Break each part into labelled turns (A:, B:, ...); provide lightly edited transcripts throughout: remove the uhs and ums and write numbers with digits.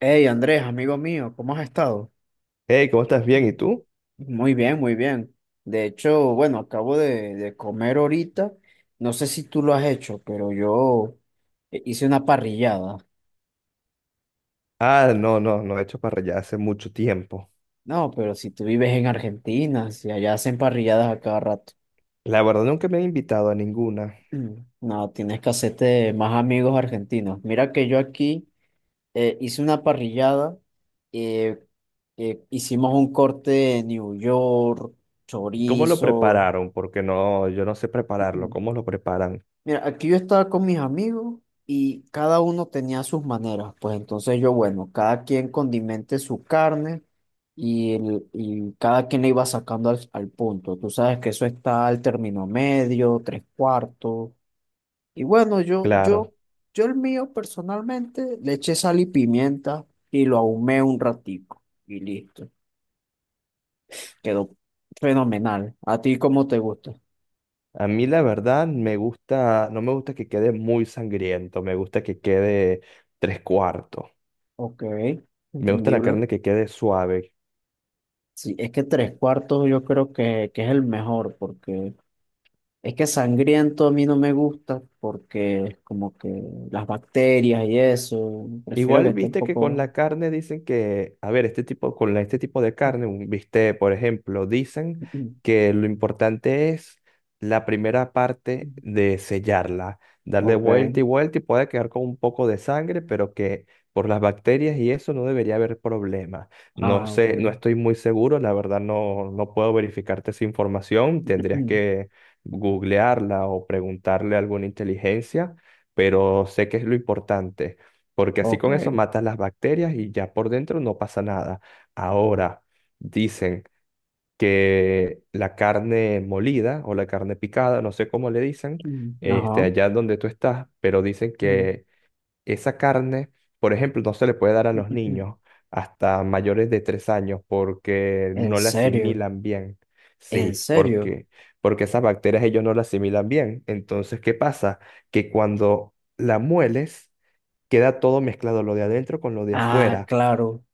A: Hey Andrés, amigo mío, ¿cómo has estado?
B: Hey, ¿cómo estás?
A: Mm.
B: Bien, ¿y tú?
A: Muy bien, muy bien. De hecho, bueno, acabo de comer ahorita. No sé si tú lo has hecho, pero yo hice una parrillada.
B: Ah, no, no, no he hecho para allá hace mucho tiempo.
A: No, pero si tú vives en Argentina, si allá hacen parrilladas a cada rato.
B: La verdad nunca me han invitado a ninguna.
A: Mm. No, tienes que hacerte más amigos argentinos. Mira que yo aquí hice una parrillada. eh, Hicimos un corte de New York,
B: ¿Cómo lo
A: chorizo.
B: prepararon? Porque no, yo no sé prepararlo. ¿Cómo lo preparan?
A: Mira, aquí yo estaba con mis amigos y cada uno tenía sus maneras. Pues entonces yo, bueno, cada quien condimente su carne y, y cada quien le iba sacando al punto. Tú sabes que eso está al término medio, tres cuartos. Y bueno, yo,
B: Claro.
A: yo, yo el mío personalmente le eché sal y pimienta y lo ahumé un ratico y listo. Quedó fenomenal. ¿A ti cómo te gusta?
B: A mí la verdad me gusta, no me gusta que quede muy sangriento, me gusta que quede tres cuartos.
A: Ok,
B: Me gusta la
A: entendible.
B: carne que quede suave.
A: Sí, es que tres cuartos yo creo que es el mejor, porque es que sangriento a mí no me gusta, porque es como que las bacterias y eso, prefiero que
B: Igual
A: esté un
B: viste que con
A: poco.
B: la carne dicen que, a ver, este tipo, este tipo de carne, un bistec, por ejemplo, dicen que lo importante es la primera parte de sellarla, darle
A: Ok.
B: vuelta y vuelta y puede quedar con un poco de sangre, pero que por las bacterias y eso no debería haber problema. No
A: Ah, ok.
B: sé, no estoy muy seguro, la verdad no, no puedo verificarte esa información, tendrías que googlearla o preguntarle a alguna inteligencia, pero sé que es lo importante porque así
A: Ok.
B: con eso matas las bacterias y ya por dentro no pasa nada. Ahora, dicen que la carne molida o la carne picada, no sé cómo le dicen, este,
A: Ajá.
B: allá donde tú estás, pero dicen que esa carne, por ejemplo, no se le puede dar a los niños hasta mayores de 3 años porque
A: ¿En
B: no la
A: serio?
B: asimilan bien.
A: ¿En
B: Sí,
A: serio?
B: porque esas bacterias ellos no las asimilan bien. Entonces, ¿qué pasa? Que cuando la mueles queda todo mezclado, lo de adentro con lo de
A: Ah,
B: afuera.
A: claro.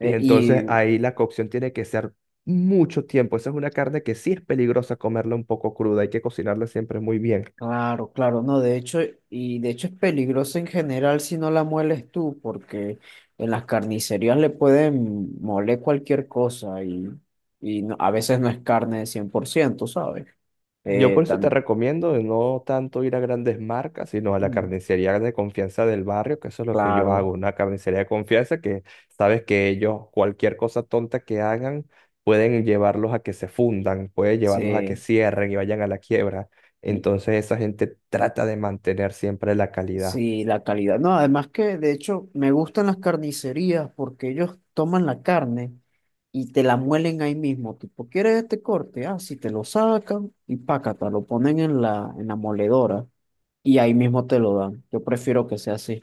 B: Y
A: y
B: entonces ahí la cocción tiene que ser mucho tiempo. Esa es una carne que sí es peligrosa comerla un poco cruda, hay que cocinarla siempre muy bien.
A: Claro, claro, no, de hecho, y de hecho es peligroso en general si no la mueles tú, porque en las carnicerías le pueden moler cualquier cosa a veces no es carne de 100%, ¿sabes?
B: Yo por
A: Eh,
B: eso te
A: tam-
B: recomiendo de no tanto ir a grandes marcas, sino a la
A: mm,
B: carnicería de confianza del barrio, que eso es lo que yo
A: claro,
B: hago, una carnicería de confianza que sabes que ellos, cualquier cosa tonta que hagan, pueden llevarlos a que se fundan, pueden llevarlos a que
A: sí.
B: cierren y vayan a la quiebra. Entonces esa gente trata de mantener siempre la calidad.
A: Sí, la calidad. No, además que de hecho me gustan las carnicerías porque ellos toman la carne y te la muelen ahí mismo. Tipo, ¿quieres este corte? Ah, sí, te lo sacan y pácata, lo ponen en la moledora y ahí mismo te lo dan. Yo prefiero que sea así.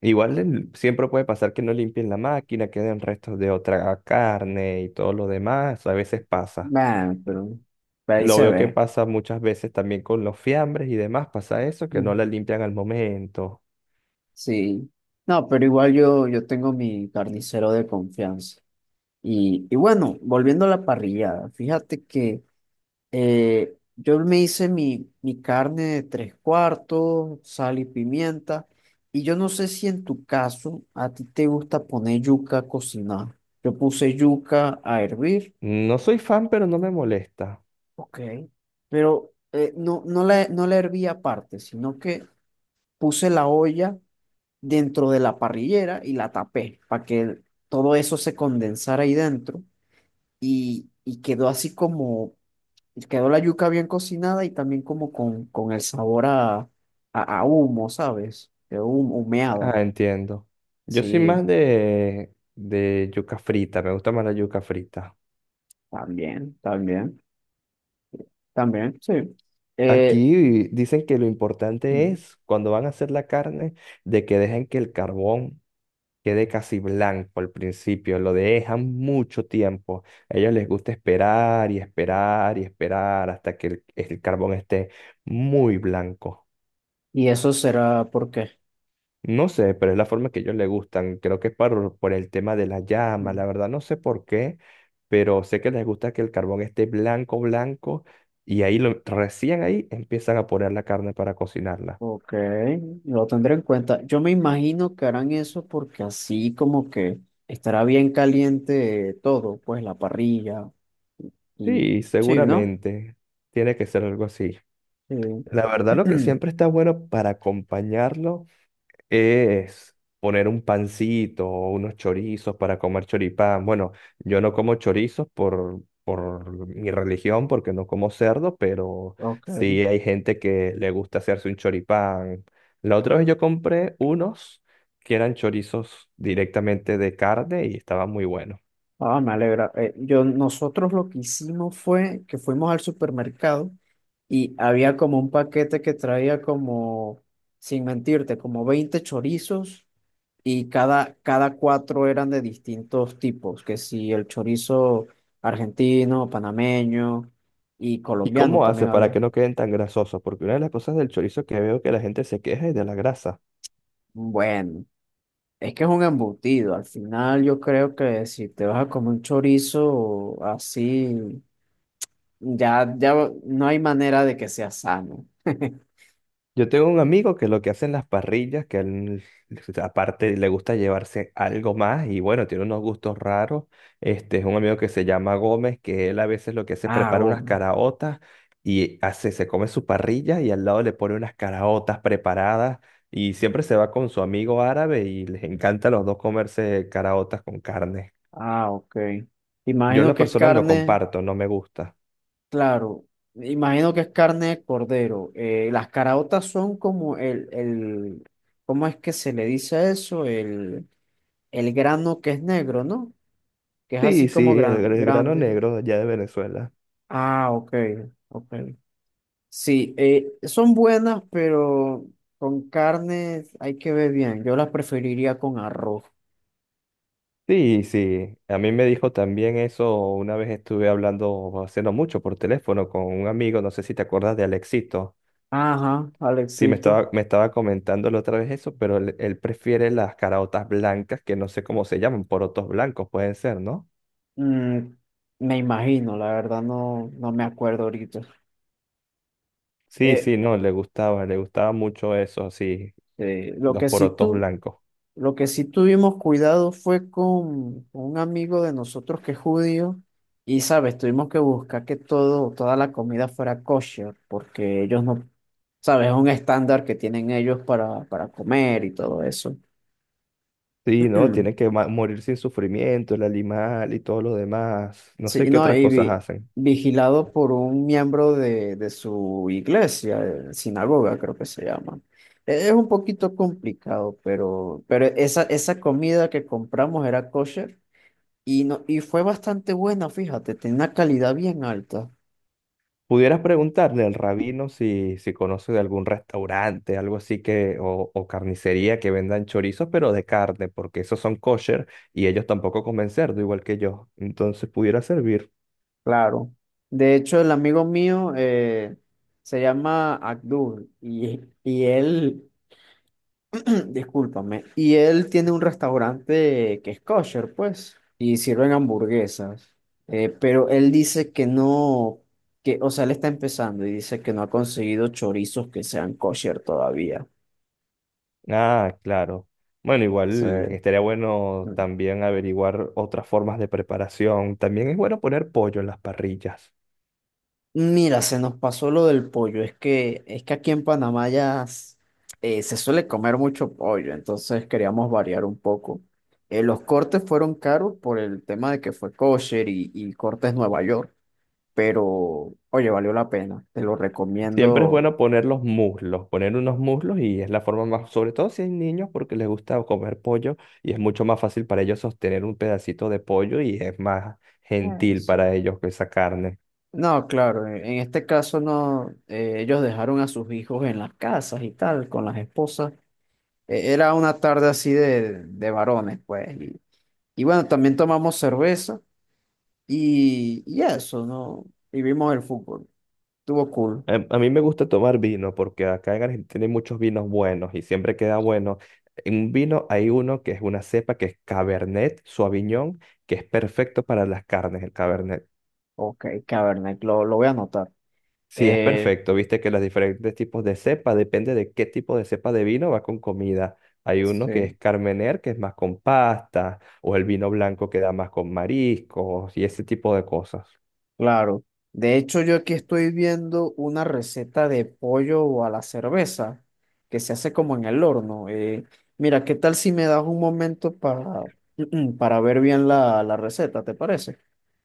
B: Siempre puede pasar que no limpien la máquina, queden restos de otra carne y todo lo demás. A veces pasa.
A: Nah, pero ahí
B: Lo
A: se
B: veo que
A: ve.
B: pasa muchas veces también con los fiambres y demás. Pasa eso, que no
A: Mm.
B: la limpian al momento.
A: Sí. No, pero igual yo tengo mi carnicero de confianza. Y bueno, volviendo a la parrillada, fíjate que. Yo me hice mi carne de tres cuartos, sal y pimienta. Y yo no sé si en tu caso a ti te gusta poner yuca a cocinar. Yo puse yuca a hervir.
B: No soy fan, pero no me molesta.
A: Ok. Pero no, no la herví aparte, sino que puse la olla dentro de la parrillera y la tapé para que todo eso se condensara ahí dentro. Y quedó así como. Y quedó la yuca bien cocinada y también como con el sabor a humo, ¿sabes? Quedó humeada.
B: Ah, entiendo. Yo soy
A: Sí,
B: más de yuca frita. Me gusta más la yuca frita.
A: también, también, también, sí. Eh,
B: Aquí dicen que lo importante es, cuando van a hacer la carne, de que dejen que el carbón quede casi blanco al principio, lo dejan mucho tiempo. A ellos les gusta esperar y esperar y esperar hasta que el carbón esté muy blanco.
A: y eso será porque.
B: No sé, pero es la forma que a ellos les gustan. Creo que es por el tema de la llama, la
A: Mm.
B: verdad no sé por qué, pero sé que les gusta que el carbón esté blanco, blanco, y recién ahí empiezan a poner la carne para cocinarla.
A: Ok, lo tendré en cuenta. Yo me imagino que harán eso porque así como que estará bien caliente todo, pues la parrilla y
B: Sí,
A: sí, ¿no?
B: seguramente. Tiene que ser algo así.
A: Sí.
B: La verdad, lo que siempre está bueno para acompañarlo es poner un pancito o unos chorizos para comer choripán. Bueno, yo no como chorizos por mi religión, porque no como cerdo, pero
A: Ok.
B: sí hay gente que le gusta hacerse un choripán. La otra vez yo compré unos que eran chorizos directamente de carne y estaban muy buenos.
A: Ah, me alegra. Nosotros lo que hicimos fue que fuimos al supermercado y había como un paquete que traía como, sin mentirte, como 20 chorizos y cada cuatro eran de distintos tipos, que si el chorizo argentino, panameño y
B: ¿Y
A: colombiano
B: cómo
A: también
B: hace para
A: había.
B: que no queden tan grasosos? Porque una de las cosas del chorizo que veo que la gente se queja es de la grasa.
A: Bueno, es que es un embutido. Al final yo creo que si te vas a comer un chorizo así. Ya, ya no hay manera de que sea sano.
B: Yo tengo un amigo que lo que hace en las parrillas, que él, aparte le gusta llevarse algo más y bueno, tiene unos gustos raros. Este es un amigo que se llama Gómez, que él a veces lo que hace es
A: Ah,
B: prepara unas
A: goma.
B: caraotas y hace, se come su parrilla y al lado le pone unas caraotas preparadas y siempre se va con su amigo árabe y les encanta a los dos comerse caraotas con carne.
A: Ah, ok.
B: Yo en
A: Imagino
B: lo
A: que es
B: personal lo
A: carne,
B: comparto, no me gusta.
A: claro. Imagino que es carne de cordero. Las caraotas son como el, ¿cómo es que se le dice a eso? El grano que es negro, ¿no? Que es así
B: Sí, sí,
A: como
B: el,
A: gran,
B: el grano
A: grande.
B: negro de allá de Venezuela.
A: Ah, ok, ok. Sí, son buenas, pero con carne hay que ver bien. Yo las preferiría con arroz.
B: Sí, sí, a mí me dijo también eso, una vez estuve hablando, haciendo mucho por teléfono con un amigo, no sé si te acuerdas de Alexito.
A: Ajá,
B: Sí, me
A: Alexito.
B: estaba, me estaba comentando la otra vez eso, pero él prefiere las caraotas blancas, que no sé cómo se llaman, porotos blancos pueden ser, ¿no?
A: Mm, me imagino, la verdad no me acuerdo ahorita.
B: Sí,
A: Eh,
B: sí, no, le gustaba mucho eso, sí,
A: eh, lo
B: los
A: que sí
B: porotos
A: tú,
B: blancos.
A: lo que sí tuvimos cuidado fue con un amigo de nosotros que es judío y, sabes, tuvimos que buscar que toda la comida fuera kosher porque ellos no, sabes, es un estándar que tienen ellos para comer y todo eso.
B: Sí, no, tienen que morir sin sufrimiento, el animal y todo lo demás. No sé
A: Sí,
B: qué
A: no,
B: otras
A: y
B: cosas hacen.
A: vigilado por un miembro de su iglesia, sinagoga creo que se llama. Es un poquito complicado, pero esa comida que compramos era kosher y, no, y fue bastante buena, fíjate, tenía una calidad bien alta.
B: Pudieras preguntarle al rabino si conoce de algún restaurante, algo así que, o carnicería que vendan chorizos, pero de carne, porque esos son kosher y ellos tampoco comen cerdo, igual que yo. Entonces pudiera servir.
A: Claro. De hecho, el amigo mío se llama Abdul y él. Discúlpame. Y él tiene un restaurante que es kosher, pues, y sirven hamburguesas. Pero él dice que no, que, o sea, él está empezando y dice que no ha conseguido chorizos que sean kosher todavía.
B: Ah, claro. Bueno,
A: Sí.
B: igual estaría bueno
A: Mm.
B: también averiguar otras formas de preparación. También es bueno poner pollo en las parrillas.
A: Mira, se nos pasó lo del pollo. Es que aquí en Panamá ya se suele comer mucho pollo, entonces queríamos variar un poco. Los cortes fueron caros por el tema de que fue kosher y cortes Nueva York. Pero oye, valió la pena, te lo
B: Siempre es
A: recomiendo.
B: bueno poner los muslos, poner unos muslos y es la forma más, sobre todo si hay niños porque les gusta comer pollo y es mucho más fácil para ellos sostener un pedacito de pollo y es más
A: Ah,
B: gentil
A: sí.
B: para ellos que esa carne.
A: No, claro, en este caso no, ellos dejaron a sus hijos en las casas y tal, con las esposas. Era una tarde así de varones, pues. Y bueno, también tomamos cerveza y eso, ¿no? Y vimos el fútbol. Estuvo cool.
B: A mí me gusta tomar vino porque acá en Argentina hay muchos vinos buenos y siempre queda bueno. En un vino hay uno que es una cepa que es Cabernet Sauvignon, que es perfecto para las carnes, el Cabernet.
A: Ok, Cabernet, lo voy a anotar.
B: Sí, es
A: Eh,
B: perfecto. Viste que los diferentes tipos de cepa, depende de qué tipo de cepa de vino va con comida. Hay uno que
A: sí.
B: es Carmener, que es más con pasta, o el vino blanco que da más con mariscos y ese tipo de cosas.
A: Claro. De hecho, yo aquí estoy viendo una receta de pollo a la cerveza que se hace como en el horno. Mira, ¿qué tal si me das un momento para ver bien la receta? ¿Te parece?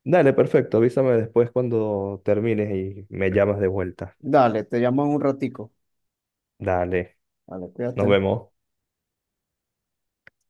B: Dale, perfecto. Avísame después cuando termines y me llamas de vuelta.
A: Dale, te llamo en un ratico.
B: Dale,
A: Vale,
B: nos
A: cuídate.
B: vemos.